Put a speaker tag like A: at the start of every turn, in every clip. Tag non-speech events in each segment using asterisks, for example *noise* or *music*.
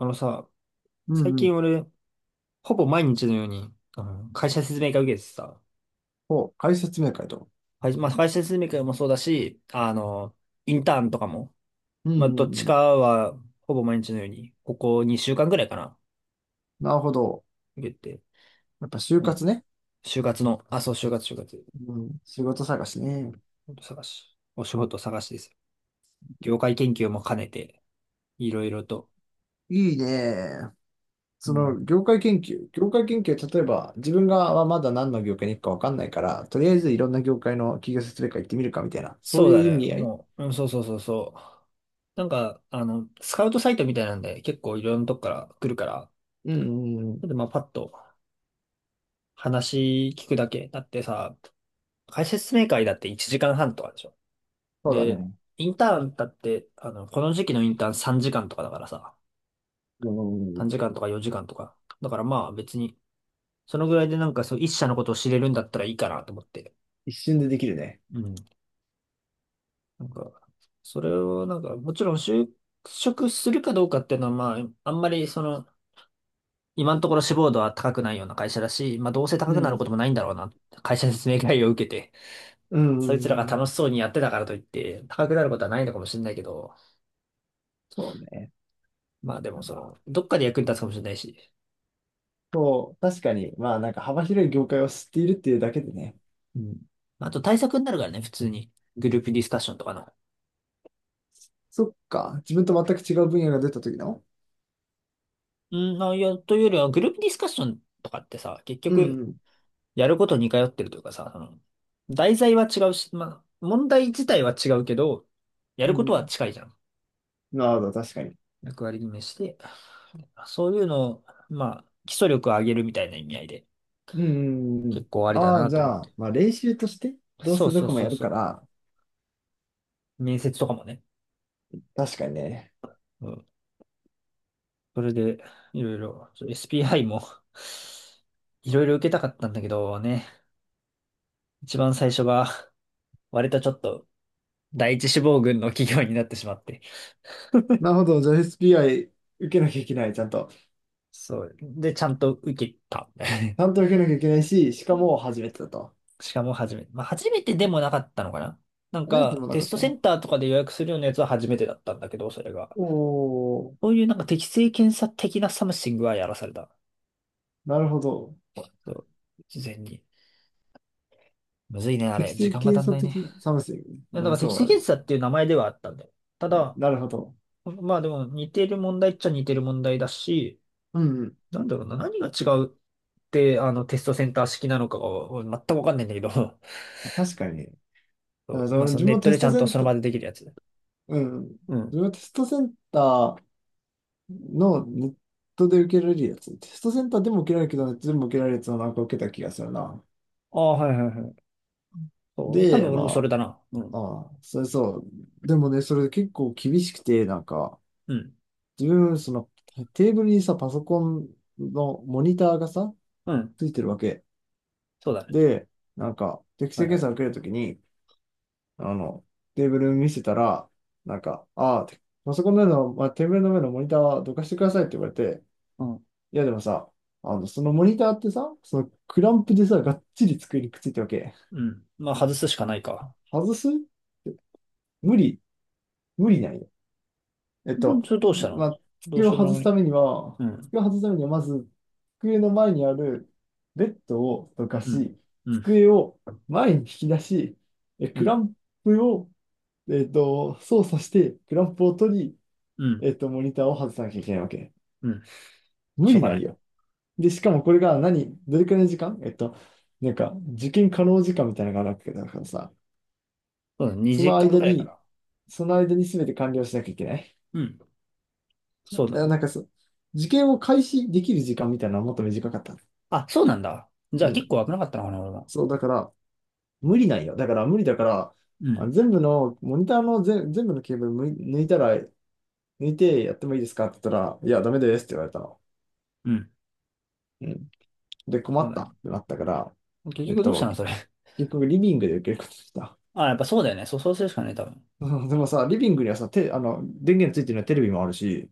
A: あのさ、
B: う
A: 最
B: んうん。
A: 近俺、ほぼ毎日のように、会社説明会受けてさ、
B: お、解説明会と。
A: 会まあ、会社説明会もそうだし、インターンとかも、
B: うんう
A: まあ、
B: んう
A: どっちか
B: ん。
A: は、ほぼ毎日のように、ここ2週間ぐらいかな、
B: なるほど。
A: 受けて、
B: やっぱ就
A: うん。
B: 活ね。
A: 就活の、あ、そう、就活、就活、
B: うん。仕事探しね。
A: 探し、お仕事探しですよ。業界研究も兼ねて、いろいろと。
B: いいね。
A: う
B: その、
A: ん、
B: 業界研究、例えば、自分がはまだ何の業界に行くかわかんないから、とりあえずいろんな業界の企業説明会行ってみるかみたいな、そ
A: そ
B: う
A: う
B: いう
A: だ
B: 意
A: ね、
B: 味合い。
A: もう、うん、そうそうそうそう。スカウトサイトみたいなんで、結構いろんなとこから来るから、
B: うんうんうん。
A: で、まあ、パッと話聞くだけ。だってさ、解説明会だって1時間半とかでしょ。
B: そうだ
A: で、
B: ね。
A: インターンだって、この時期のインターン3時間とかだからさ、
B: うんう
A: 3
B: ん。
A: 時間とか4時間とか。だからまあ別に、そのぐらいでなんかそう、一社のことを知れるんだったらいいかなと思って。
B: 一瞬でできるね。
A: うん。なんか、それをなんか、もちろん就職するかどうかっていうのはまあ、あんまりその、今のところ志望度は高くないような会社だし、まあどうせ高
B: う
A: くなること
B: ん。
A: もないんだろうな。会社説明会を受けて。
B: うんう
A: そいつら
B: ん
A: が
B: うん。
A: 楽しそうにやってたからといって、高くなることはないのかもしれないけど、
B: そうね。
A: まあでもその、どっかで役に立つかもしれないし、
B: そう、確かに、まあなんか幅広い業界を知っているっていうだけでね、
A: うん。まあと対策になるからね、普通に。グループディスカッションとかの。
B: そっか。自分と全く違う分野が出た時の。
A: うん、まあ、いや、というよりは、グループディスカッションとかってさ、結
B: う
A: 局、
B: ん、
A: やること似通ってるというかさ、その、題材は違うし、まあ、問題自体は違うけど、や
B: う
A: るこ
B: ん。
A: と
B: う
A: は
B: ん。
A: 近いじゃん。
B: なるほど、確かに。
A: 役割決めして、そういうのを、まあ、基礎力を上げるみたいな意味合いで、
B: うん、うん、うん。
A: 結構あ
B: うん。
A: りだ
B: ああ、
A: な
B: じ
A: と思っ
B: ゃあ、
A: て。
B: まあ練習として、どう
A: そ
B: せ
A: う
B: ど
A: そう
B: こも
A: そ
B: や
A: う
B: るか
A: そ
B: ら、
A: う。面接とかもね。
B: 確かにね。
A: うん。それで、いろいろ、SPI も *laughs* いろいろ受けたかったんだけどね、一番最初が、割とちょっと、第一志望群の企業になってしまって。
B: なるほど、じゃあ SPI 受けなきゃいけない、ちゃんと。
A: そう。で、ちゃんと受けた。*laughs*
B: ちゃんと受けなきゃいけないし、しかも初めてだと。
A: しかも初めて。まあ、初めてでもなかったのかな。なん
B: 初めてで
A: か、
B: もな
A: テ
B: か
A: ス
B: っ
A: トセ
B: た。
A: ンターとかで予約するようなやつは初めてだったんだけど、それが。
B: おお、
A: そういうなんか適性検査的なサムシングはやらされた。
B: なるほど。
A: そう。事前に。むずいね、あ
B: 適
A: れ。時
B: 正
A: 間が
B: 検
A: 足ん
B: 査
A: ないね。
B: 的な寒さ、サムスン。
A: や、だ
B: う
A: か
B: ん、
A: ら適
B: そ
A: 正
B: う、
A: 検査っていう名前ではあったんだよ。ただ、
B: なるほど。
A: まあでも似てる問題っちゃ似てる問題だし、
B: うん、うん。
A: なんだろうな、何が違うって、あの、テストセンター式なのかがお全くわかんないんだけど、*laughs*
B: 確かに。
A: そ
B: あ、じ
A: う、
B: ゃあ
A: まあ
B: 俺
A: そ
B: 自
A: の
B: 分
A: ネ
B: も
A: ット
B: テス
A: でちゃ
B: ト
A: ん
B: セ
A: と
B: ン
A: その
B: ター、
A: 場でできるやつ。
B: うん。自
A: うん。
B: 分もテストセンター、のネットで受けられるやつ。テストセンターでも受けられるけど、ネットでも受けられるやつをなんか受けた気がするな。
A: ああ、はいはいはい。そう、多
B: で、
A: 分俺もそれ
B: ま
A: だな。う
B: あ、
A: ん。
B: ああ、それそう。でもね、それ結構厳しくて、なんか、
A: うん。
B: 自分、その、テーブルにさ、パソコンのモニターがさ、
A: うん。
B: ついてるわけ。
A: そうだね。
B: で、なんか、適
A: は
B: 性
A: いは
B: 検査
A: い。
B: 受けるときに、あの、テーブル見せたら、なんか、ああ、パソコンの上の、まあ、テーブルの上のモニターはどかしてくださいって言われて、
A: うん。
B: いやでもさ、そのモニターってさ、そのクランプでさ、がっちり机にくっついてるわけ。
A: うん。まあ外すしかないか。
B: 外す無理、無理ないよ。
A: うん、それどうした
B: ま
A: の。
B: あ、
A: どう
B: 机
A: し
B: を
A: よう
B: 外
A: も
B: す
A: なく
B: た
A: ね。
B: めには、
A: うん。
B: 机を外すためには、まず、机の前にあるベッドをどか
A: うん。
B: し、
A: うん。
B: 机を前に引き出し、
A: う
B: クラ
A: ん。
B: ンプを、操作して、クランプを取り、
A: うん。
B: モニターを外さなきゃいけないわけ。
A: うん。
B: 無
A: しょう
B: 理
A: が
B: な
A: な
B: い
A: い。
B: よ。で、しかもこれが何、どれくらいの時間なんか、受験可能時間みたいなのがあるわけだからさ、
A: そうだね、
B: そ
A: 2
B: の
A: 時間
B: 間
A: くらいか
B: に、
A: な。
B: その間に、全て完了しなきゃいけない。
A: うん。そうだ
B: あ、
A: ね。
B: なんかそう、受験を開始できる時間みたいなのはもっと短かった。
A: あ、そうなんだ。じゃ
B: う
A: あ結
B: ん。
A: 構危なかったのかな、俺も。
B: そう、だから、無理なんよ。だから無理だから、
A: うん。
B: あ、全部の、モニターの全、全部のケーブル抜いたら、抜いてやってもいいですかって言ったら、いや、ダメですって言われたの。
A: うん。
B: うん。で、困
A: そう
B: っ
A: だ
B: た
A: ね。
B: ってなったから、
A: 結
B: えっ
A: 局どうした
B: と、
A: の、それ。
B: 結局リビングで受けることにした。
A: あ、やっぱそうだよね。そう、そうするしかない、多分。
B: *laughs* うん、でもさ、リビングにはさ、電源ついてるのはテレビもあるし、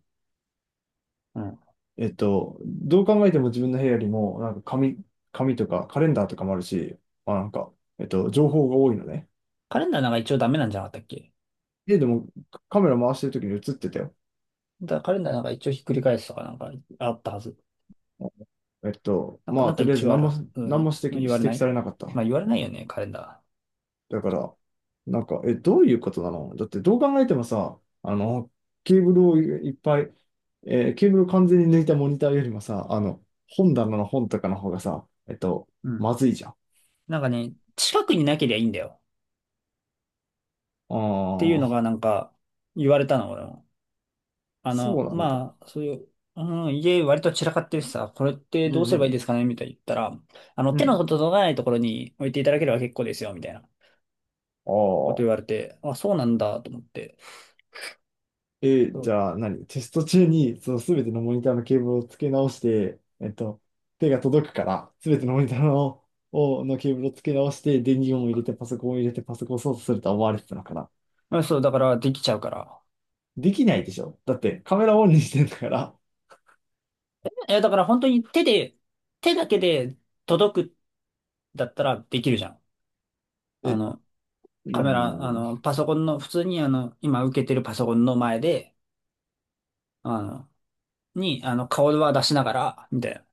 A: うん。
B: どう考えても自分の部屋よりも、なんか紙とかカレンダーとかもあるし、まあなんか、情報が多いのね。
A: カレンダーなんか一応ダメなんじゃなかったっけ。
B: 家でもカメラ回してる時に映ってたよ。
A: だからカレンダーなんか一応ひっくり返すとかなんかあったはず。なんか、
B: ま
A: な
B: あ、
A: んか
B: とりあえ
A: 一
B: ず
A: 応あ
B: 何
A: るは
B: も、
A: ず。う
B: 何
A: ん。
B: も
A: ま
B: 指摘、
A: あ、
B: 指
A: 言われな
B: 摘
A: い。
B: されなかっ
A: まあ
B: た。
A: 言われないよね、カレンダ
B: だから、なんか、どういうことなのだってどう考えてもさ、ケーブルをいいっぱい、ケーブルを完全に抜いたモニターよりもさ、本棚の本とかの方がさ、
A: ー。うん。
B: まずいじゃん。
A: なんかね、近くになけりゃいいんだよ。
B: あ
A: っていうの
B: あ、
A: がなんか言われたの、俺も。
B: そうなんだ。
A: まあ、そういう、うん、家割と散らかってるしさ、これって
B: う
A: どう
B: ん
A: す
B: う
A: ればいいで
B: ん。
A: すかねみたいに言ったら、
B: う
A: 手の
B: ん。
A: 届かないところに置いていただければ結構ですよ、みたいな
B: あ
A: こと言わ
B: あ。
A: れて、あ、そうなんだと思って。
B: え
A: そ
B: じ
A: う、
B: ゃあ何テスト中に、その全てのモニターのケーブルを付け直して、手が届くから、全てのモニターの、をのケーブルを付け直して、電源を入れて、パソコンを入れて、パソコンを操作すると思われてたのかな。
A: うんそう、だからできちゃうから。
B: できないでしょ。だってカメラオンにしてんだから。
A: え、だから本当に手だけで届くだったらできるじゃん。
B: え、
A: あ
B: う
A: の、
B: ー
A: カメラ、あ
B: ん。
A: の、パソコンの、普通に今受けてるパソコンの前で、あの、に、あの、顔は出しながら、みたいな。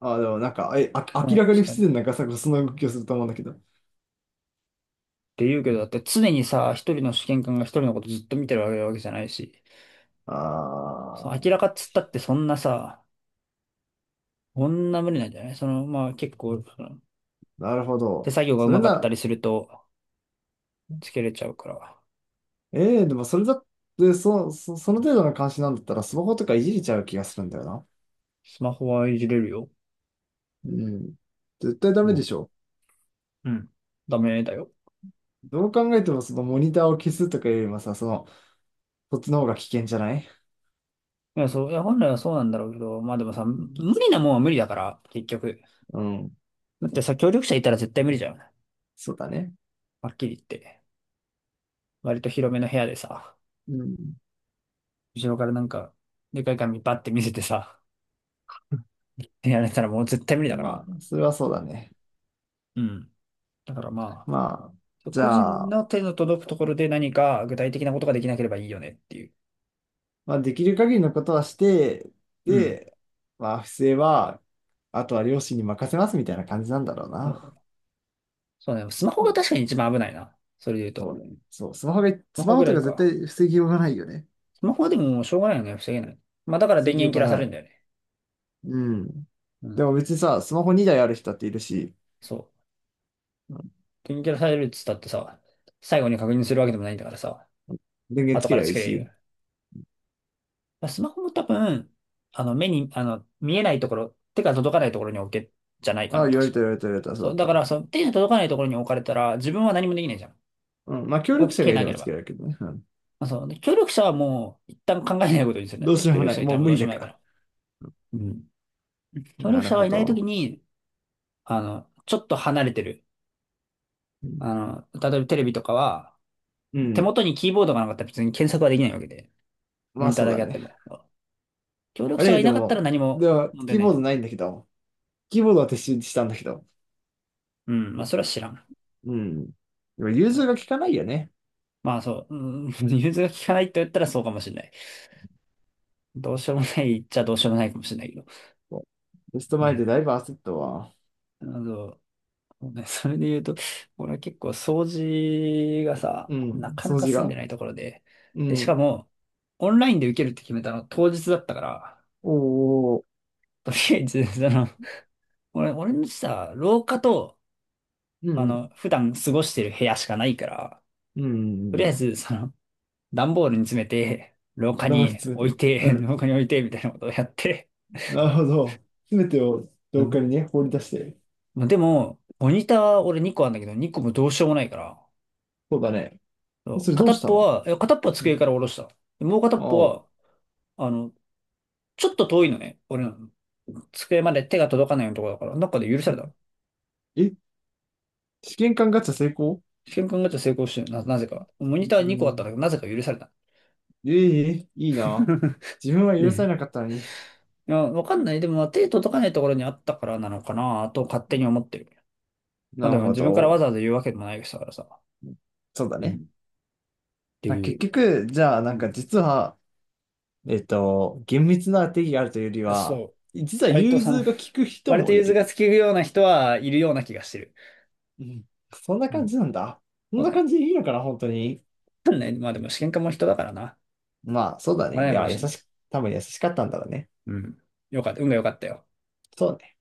B: あ、でもなんか、
A: う
B: 明
A: ん、
B: らかに不自然なガサゴソの動きをすると思うんだけど。
A: って言うけど、だって常にさ、一人の試験官が一人のことずっと見てるわけじゃないし、
B: あ
A: その明ら
B: ー、
A: かっつったってそんなさ、こんな無理なんじゃないその、まあ結構、その
B: なるほ
A: 手
B: ど。
A: 作業がう
B: それ
A: まか
B: な
A: った
B: ら、
A: りすると、つけれちゃうから、
B: でもそれだって、その程度の監視なんだったらスマホとかいじれちゃう気がするんだよな。
A: スマホはいじれるよ。
B: うん。絶対ダ
A: う
B: メで
A: ん。
B: しょ。
A: うん。ダメだよ。
B: どう考えてもそのモニターを消すとかよりもさ、その、そっちの方が危険じゃない？
A: いや、そう、いや、本来はそうなんだろうけど、まあでもさ、
B: う
A: 無
B: ん。
A: 理なもんは無理だから、結局。
B: うん、
A: だってさ、協力者いたら絶対無理じゃん。
B: そうだね。
A: はっきり言って。割と広めの部屋でさ、
B: うん。
A: 後ろからなんか、でかい紙バッて見せてさ、やられたらもう絶対無理だか
B: ま
A: ら。
B: あ、それはそうだね。
A: うん。だからま
B: まあ、
A: あ、
B: じ
A: 個
B: ゃ
A: 人
B: あ、
A: の手の届くところで何か具体的なことができなければいいよねっていう。
B: まあ、できる限りのことはして、
A: うん。
B: で、まあ、不正は、あとは両親に任せますみたいな感じなんだろうな。
A: お、そうね。スマホ
B: そ
A: が
B: う、
A: 確かに一番危ないな。それで言う
B: そ
A: と。
B: うね。そう、スマホが、
A: スマ
B: ス
A: ホ
B: マ
A: ぐ
B: ホと
A: らい
B: か絶
A: か。
B: 対防ぎようがないよね。
A: スマホはでももうしょうがないよね。防げない。まあだから
B: 防
A: 電
B: ぎよ
A: 源
B: う
A: 切
B: が
A: らされ
B: な
A: るん
B: い。
A: だよね。
B: うん。
A: う
B: で
A: ん。
B: も別にさ、スマホ2台ある人だっているし、
A: そう。
B: うん。
A: 電源切らされるっつったってさ、最後に確認するわけでもないんだからさ、
B: 電源つ
A: 後
B: け
A: か
B: り
A: ら
B: ゃ
A: つ
B: いい
A: けれる
B: し、
A: よ。まあスマホも多分、あの目に、あの、見えないところ、手が届かないところに置け、じゃないか
B: ああ、
A: な、
B: 言わ
A: 確
B: れた
A: か。
B: 言われた言われた、そう
A: そ
B: だ
A: う。
B: っ
A: だから、
B: た。
A: その手が届かないところに置かれたら、自分は何もできないじゃん。
B: うん。まあ、協
A: 動
B: 力者
A: け
B: がい
A: な
B: れ
A: け
B: ば
A: れ
B: つけ
A: ば。
B: られるけどね。うん。
A: まあ、そう。ね。協力者はもう一旦考えないことにするんだ
B: ど
A: よ。
B: うしよう
A: 協
B: も
A: 力
B: ない。
A: 者いた
B: も
A: ら
B: う
A: もう
B: 無
A: どう
B: 理
A: しよう
B: だ
A: もない
B: か
A: か
B: ら。
A: ら。うん。協
B: な
A: 力
B: る
A: 者
B: ほ
A: がいないとき
B: ど。
A: に、ちょっと離れてる。
B: うん。
A: 例えばテレビとかは、
B: う
A: 手
B: ん。
A: 元にキーボードがなかったら別に検索はできないわけで、モ
B: まあ、
A: ニター
B: そう
A: だ
B: だ
A: けあって
B: ね。
A: も。協力
B: あ
A: 者が
B: れ、
A: い
B: で
A: なかったら
B: も、
A: 何も
B: では、
A: 問題
B: キー
A: ない
B: ボー
A: じゃ
B: ド
A: ん。
B: ないんだけど、キーボードは撤収したんだけど。
A: うん。まあ、それは知らん。
B: うん。でも融通が効かないよね。
A: まあ、そう。うん。*laughs* 融通が効かないと言ったらそうかもしれない。どうしようもないっちゃどうしようもないかもしれないけど。
B: テスト
A: う
B: 前
A: ん。
B: でだいぶ焦ったわ。
A: あのそうね、それで言うと、俺は結構掃除がさ、
B: う
A: な
B: ん。
A: かな
B: 掃
A: か
B: 除
A: 済んで
B: が。
A: ないところで、
B: う
A: で、しか
B: ん。
A: も、オンラインで受けるって決めたの当日だったから、
B: おー。
A: とりあえず、*laughs* その、俺のさ、廊下と、
B: うん。
A: 普段過ごしてる部屋しかないから、
B: う
A: とりあ
B: ん。
A: えず、その、段ボールに詰めて、廊下
B: 黙り
A: に
B: 詰め
A: 置い
B: て。う
A: て、*laughs*
B: ん。
A: 廊下に置いて、みたいなことをやって、
B: なるほど。詰めてを
A: う
B: 廊下
A: ん。
B: にね、放り出して。
A: まあ、でも、モニター俺2個あるんだけど、2個もどうしようもないから、
B: そうだね。え、
A: そ
B: そ
A: う
B: れど
A: 片
B: うし
A: っ
B: た
A: ぽ
B: の？
A: は、いや片っぽは
B: う
A: 机
B: ん。
A: から下ろした。でもう片
B: あ
A: っぽ
B: あ。
A: は、あの、ちょっと遠いのね、俺らの。机まで手が届かないようなところだから、どかで許
B: う
A: され
B: ん。
A: た。
B: え、試験官ガチャ成功？
A: 試験管ガチャ成功してるな、なぜか。モニター
B: う
A: 2個あったんだ
B: ん。
A: けど、なぜか許された。
B: ええ、いいな。
A: *laughs*
B: 自分は許さ
A: で、
B: れなかったのに。
A: いや、わかんない。でも、まあ手届かないところにあったからなのかなと勝手に思ってる。まあ
B: な
A: で
B: る
A: も、
B: ほ
A: 自分からわざ
B: ど。
A: わざ言うわけでもない人だからさ。
B: そうだ
A: うん。っ
B: ね。
A: て
B: あ、
A: い
B: 結
A: う。
B: 局、じゃあ、な
A: う
B: んか
A: ん。
B: 実は、厳密な定義があるというよりは、
A: そう。
B: 実は
A: 割と
B: 融
A: その、
B: 通が利く人
A: 割と
B: もい
A: 融通
B: る。
A: が利くような人はいるような気がしてる。
B: うん。そんな
A: う
B: 感
A: ん。
B: じなんだ。そん
A: そう
B: な
A: だ
B: 感
A: ね。
B: じでいいのかな、本当に。
A: わかんない。まあでも、試験管も人だからな。わか
B: まあ、そうだ
A: ら
B: ね。い
A: ないかも
B: や、
A: しれない。
B: 多分優しかったんだろうね。
A: うん。よかった。運が良かったよ。
B: そうね。